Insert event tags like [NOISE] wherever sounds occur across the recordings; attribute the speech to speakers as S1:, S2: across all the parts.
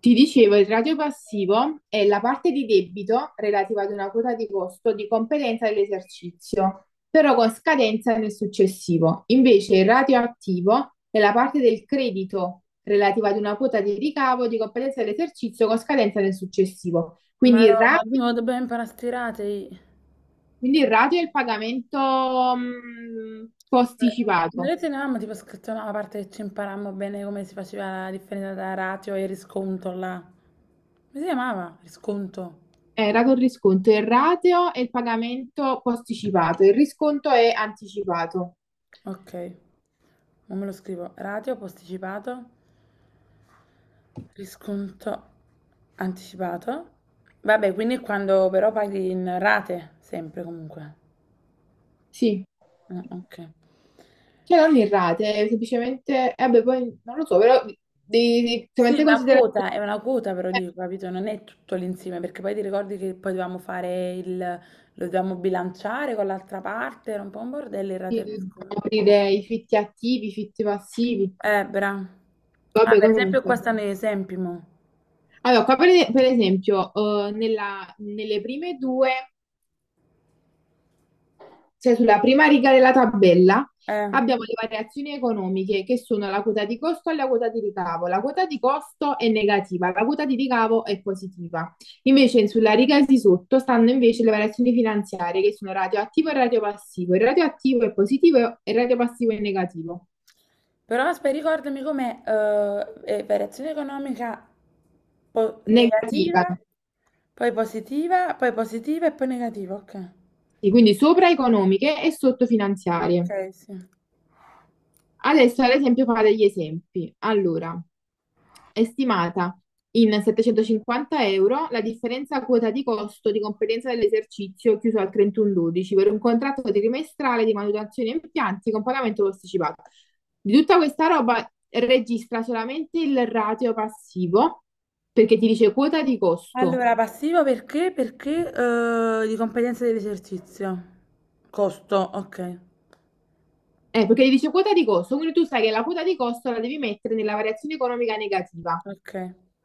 S1: Ti dicevo, il ratio passivo è la parte di debito relativa ad una quota di costo di competenza dell'esercizio, però con scadenza nel successivo. Invece il ratio attivo è la parte del credito relativa ad una quota di ricavo di competenza dell'esercizio con scadenza nel successivo.
S2: Ma
S1: Quindi il
S2: no, ma
S1: ratio,
S2: dobbiamo imparare a stirare.
S1: quindi il ratio è il pagamento posticipato.
S2: Vedete, mia mamma tipo ha scritto una parte che ci imparammo bene come si faceva la differenza tra ratio e risconto là. Come si chiamava? Risconto.
S1: Rato il risconto, il ratio è il pagamento posticipato, il risconto è anticipato.
S2: Ok, non me lo scrivo. Ratio posticipato, risconto anticipato. Vabbè, quindi è quando però paghi in rate, sempre comunque.
S1: Sì.
S2: Ah, ok.
S1: Cioè, non irrate, semplicemente, eh beh, poi non lo so, però devi
S2: Sì,
S1: semplicemente considerare
S2: è una quota però dico, capito? Non è tutto l'insieme, perché poi ti ricordi che poi dovevamo fare lo dovevamo bilanciare con l'altra parte, era un po' un bordello il rateo di
S1: di
S2: sconto.
S1: aprire i fitti attivi, i fitti passivi,
S2: Bra. Ah,
S1: vabbè,
S2: per esempio qua
S1: comunque.
S2: stanno gli esempi, mo.
S1: Allora, qua per esempio, nelle prime due. Cioè sulla prima riga della tabella
S2: Eh.
S1: abbiamo le variazioni economiche che sono la quota di costo e la quota di ricavo. La quota di costo è negativa, la quota di ricavo è positiva. Invece sulla riga di sotto stanno invece le variazioni finanziarie che sono radioattivo e radiopassivo. Il radioattivo è positivo e il radiopassivo è negativo.
S2: Però aspetta, ricordami com'è variazione economica
S1: Negativa.
S2: negativa, poi positiva e poi negativa, ok.
S1: Sì, quindi sopra economiche e sotto finanziarie.
S2: Ok, sì.
S1: Adesso, ad esempio, fa degli esempi. Allora, è stimata in 750 euro la differenza quota di costo di competenza dell'esercizio chiuso al 31/12 per un contratto trimestrale di manutenzione impianti con pagamento posticipato. Di tutta questa roba registra solamente il ratio passivo perché ti dice quota di costo.
S2: Allora, passivo perché? Perché di competenza dell'esercizio. Costo, ok,
S1: Perché gli dice quota di costo, quindi tu sai che la quota di costo la devi mettere nella variazione economica negativa.
S2: ok,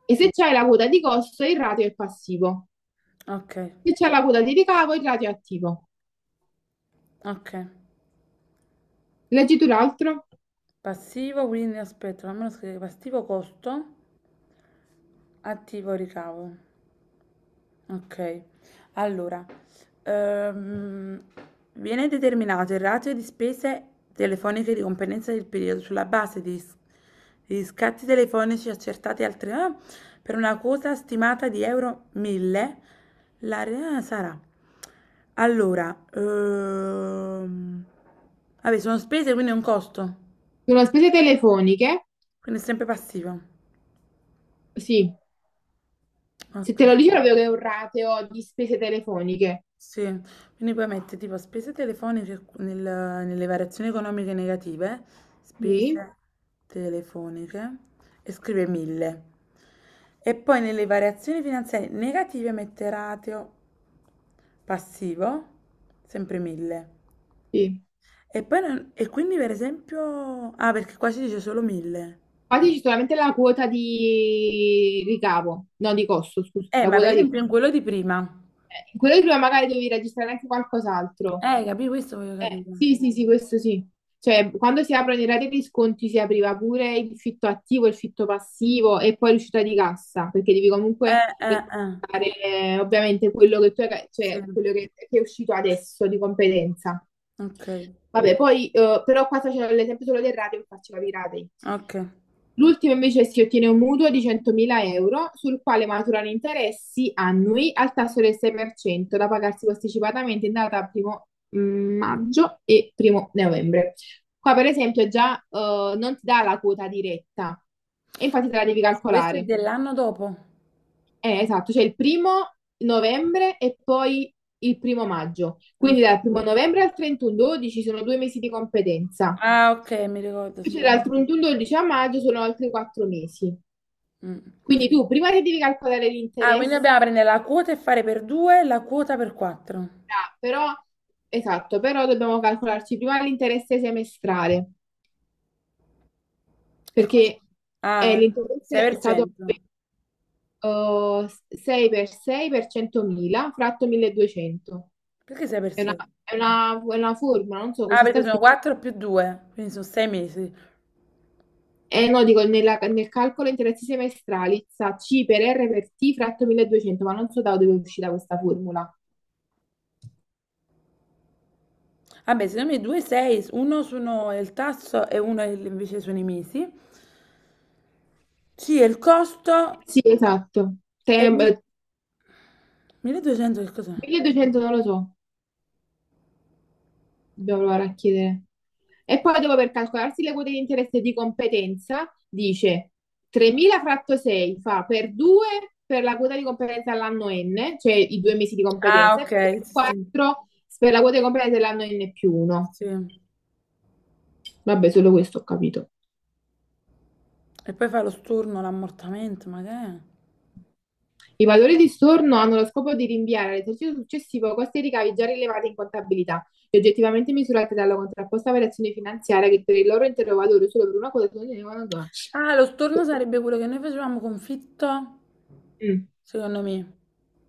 S1: E se c'hai la quota di costo, il ratio è passivo.
S2: ok,
S1: Se c'è la quota di ricavo, il ratio è attivo.
S2: ok.
S1: Leggi tu l'altro?
S2: Passivo, quindi aspetta, non me lo scrivo. Passivo costo, attivo ricavo. Okay. Allora, ehm, viene determinato il ratio di spese telefoniche di competenza del periodo sulla base di scatti telefonici accertati al tre per una quota stimata di euro 1000, l'area sarà allora, vabbè sono spese, quindi è un costo,
S1: Sono spese telefoniche?
S2: quindi è sempre passivo.
S1: Sì. Se te
S2: Okay.
S1: lo dice proprio che è un ratio di spese telefoniche.
S2: Sì, quindi puoi mettere tipo spese telefoniche nelle variazioni economiche negative,
S1: Sì,
S2: spese telefoniche e scrive 1000. E poi nelle variazioni finanziarie negative mette ratio passivo, sempre 1000.
S1: sì.
S2: E poi e quindi per esempio... Ah, perché qua si dice solo 1000.
S1: Infatti c'è solamente la quota di ricavo, no, di costo, scusa. La
S2: Ma per
S1: quota di...
S2: esempio in quello di prima.
S1: Quello che prima magari devi registrare anche qualcos'altro.
S2: Capì? Questo voglio capire.
S1: Sì, sì, sì, questo sì. Cioè, quando si aprono i rate di sconti si apriva pure il fitto attivo, il fitto passivo e poi l'uscita di cassa, perché devi comunque
S2: Eh.
S1: rispettare ovviamente quello che tu hai,
S2: Sì.
S1: cioè quello che è uscito adesso di competenza.
S2: Ok,
S1: Vabbè, poi però qua c'è l'esempio solo del rateo, faccio capire i ratei.
S2: ok.
S1: L'ultimo invece si ottiene un mutuo di 100.000 euro sul quale maturano interessi annui al tasso del 6% da pagarsi posticipatamente in data maggio e primo novembre. Qua, per esempio, già non ti dà la quota diretta e infatti te la devi
S2: Questo è
S1: calcolare.
S2: dell'anno dopo.
S1: Esatto, cioè il primo novembre e poi il primo maggio. Quindi
S2: Ok.
S1: dal primo novembre al 31/12 sono 2 mesi di competenza.
S2: Ah, ok, mi ricordo.
S1: Invece
S2: sto-
S1: dal 31/12 a maggio sono altri 4 mesi.
S2: mm.
S1: Quindi tu prima che devi calcolare
S2: Ah, quindi
S1: l'interesse,
S2: dobbiamo prendere la quota e fare per 2 la quota per 4.
S1: ah, però, esatto, però dobbiamo calcolarci prima l'interesse semestrale.
S2: E come si-
S1: Perché
S2: Ah,
S1: l'interesse è stato
S2: 6%.
S1: eh, 6 per 6 per 100.000 fratto 1200.
S2: Perché 6 per
S1: È una,
S2: 6?
S1: è una formula, non so
S2: Ah,
S1: così
S2: perché
S1: sta
S2: sono
S1: scritto.
S2: 4 più 2, quindi sono 6 mesi.
S1: Eh no, dico nel calcolo interessi semestrali, sa C per R per T fratto 1200, ma non so da dove è uscita questa formula.
S2: Vabbè, secondo me 2 6, uno sono il tasso e uno è invece sono i mesi. Sì, e il costo
S1: Sì, esatto.
S2: è
S1: Tem-
S2: 1200 che cos'è?
S1: 1200 non lo so. Dobbiamo provare a chiedere. E poi dopo per calcolarsi le quote di interesse di competenza, dice 3.000 fratto 6 fa per 2 per la quota di competenza all'anno n, cioè i 2 mesi di
S2: Ah,
S1: competenza, e
S2: ok,
S1: per
S2: sì, sì.
S1: 4 per la quota di competenza dell'anno n più 1.
S2: sì.
S1: Vabbè, solo questo ho capito.
S2: E poi fai lo storno, l'ammortamento, ma che è?
S1: I valori di storno hanno lo scopo di rinviare all'esercizio successivo costi e ricavi già rilevati in contabilità e oggettivamente misurati dalla contrapposta variazione finanziaria che per il loro intero valore solo per una quota sono.
S2: Ah, lo storno sarebbe quello che noi facevamo confitto, secondo me.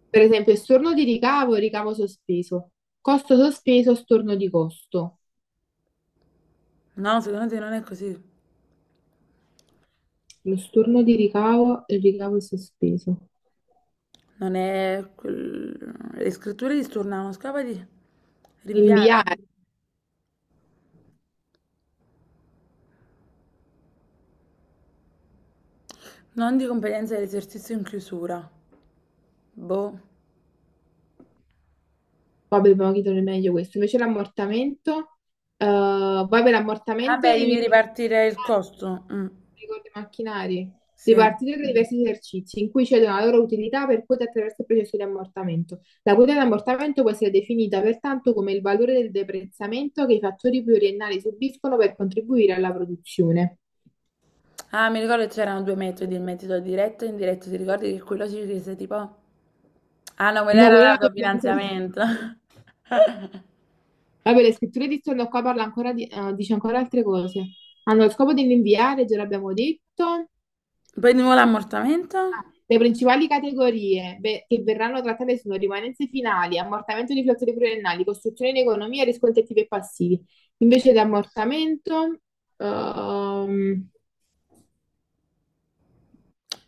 S1: Per esempio, storno di ricavo e ricavo sospeso. Costo sospeso, storno di costo.
S2: No, secondo te non è così.
S1: Lo storno di ricavo e il ricavo sospeso.
S2: Non è... Le scritture di stornavano, scapa di rinviare.
S1: Inviare,
S2: Non di competenza dell'esercizio in chiusura. Boh.
S1: poi dobbiamo chiedere meglio questo. Invece l'ammortamento, poi per l'ammortamento
S2: Vabbè,
S1: i
S2: devi ripartire il costo. Mm,
S1: ricordi macchinari.
S2: sì.
S1: Ripartire tra diversi esercizi in cui cedono la loro utilità per quote attraverso il processo di ammortamento. La quota di ammortamento può essere definita pertanto come il valore del deprezzamento che i fattori pluriennali subiscono per contribuire alla produzione.
S2: Ah, mi ricordo che c'erano due metodi, il metodo diretto e indiretto. Ti ricordi che quello ci chiese tipo... Ah no, quello
S1: No,
S2: era
S1: quella è la coerenza.
S2: l'autofinanziamento. [LAUGHS]
S1: Vabbè, le scritture di stanno qua parla ancora dice ancora altre cose. Hanno lo scopo di rinviare, già l'abbiamo detto.
S2: Poi di nuovo l'ammortamento?
S1: Ah, le principali categorie che verranno trattate sono rimanenze finali, ammortamento di flotte pluriennali, costruzione in economia, riscontri attivi e passivi. Invece di ammortamento, ehm,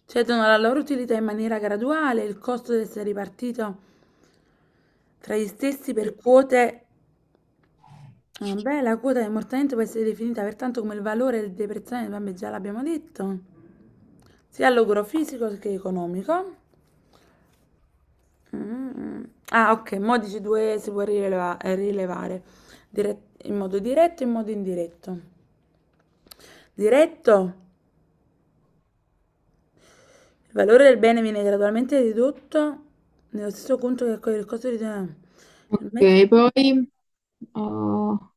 S2: Cedono alla loro utilità in maniera graduale, il costo deve essere ripartito tra gli stessi per quote. Vabbè, la quota di ammortamento può essere definita pertanto come il valore del deprezzazione, vabbè, già l'abbiamo detto, sia all'ogro fisico che economico. Mm. Ah, ok, modici 2 si può rilevare in modo diretto e in modo indiretto. Diretto, il valore del bene viene gradualmente ridotto nello stesso conto che accoglie il costo di...
S1: ok, poi oh,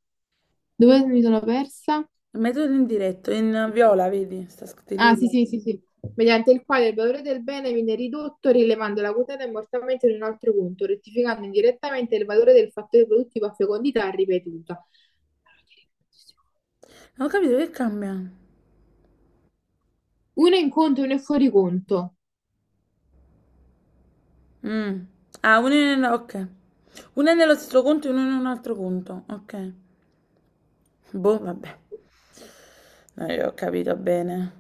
S1: dove mi sono persa?
S2: Metodo indiretto, in viola, vedi? Sta scritto
S1: Ah,
S2: lì.
S1: sì,
S2: Là.
S1: sì, sì, sì. Mediante il quale il valore del bene viene ridotto rilevando la quotata immortalmente in un altro punto, rettificando indirettamente il valore del fattore produttivo a fecondità ripetuta.
S2: Non ho capito che cambia.
S1: Uno in conto e uno è fuori conto.
S2: Mm. Ah, uno è ok. Uno è nello stesso conto e uno in un altro conto. Ok. Boh, vabbè. Non è che ho capito bene.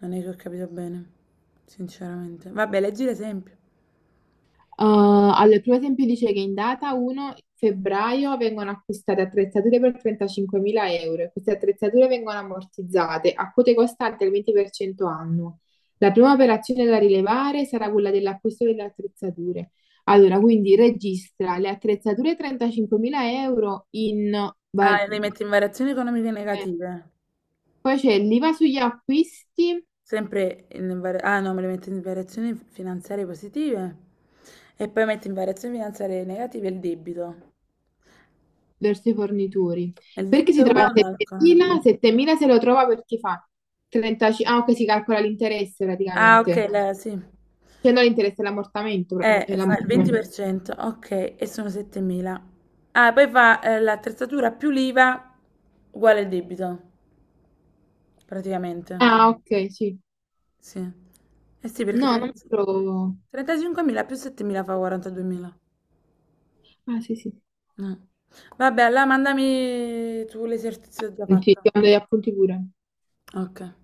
S2: Non è che ho capito bene. Sinceramente. Vabbè, leggi l'esempio.
S1: Uh, allora, il primo esempio dice che in data 1° febbraio vengono acquistate attrezzature per 35.000 euro e queste attrezzature vengono ammortizzate a quote costanti al 20% annuo. La prima operazione da rilevare sarà quella dell'acquisto delle attrezzature. Allora, quindi registra le attrezzature 35.000 euro in... va-
S2: Ah,
S1: eh,
S2: e le metti in variazioni economiche negative.
S1: Poi c'è l'IVA sugli acquisti
S2: Sempre in variazione... Ah, no, me le metti in variazioni finanziarie positive. E poi metti in variazioni finanziarie negative il debito.
S1: verso i fornitori.
S2: E il
S1: Perché si
S2: debito come
S1: trova a
S2: lo calcolo?
S1: 7.000? 7.000 se lo trova perché fa 35... Ah, ok, si calcola l'interesse
S2: Ah, ok,
S1: praticamente.
S2: la, sì.
S1: Cioè non l'interesse, è l'ammortamento. pra- è
S2: Fa il
S1: l'ammortamento.
S2: 20%, ok, e sono 7.000. Ah, poi fa l'attrezzatura più l'IVA uguale il debito, praticamente.
S1: Ah, ok, sì.
S2: Sì. Eh sì, perché
S1: No, non
S2: 30
S1: lo trovo.
S2: 35.000 più 7.000 fa 42.000.
S1: Ah, sì, sì.
S2: Mm. Vabbè, allora mandami tu l'esercizio già
S1: Sì, sì, ti
S2: fatto.
S1: mando gli appunti pure.
S2: Ok.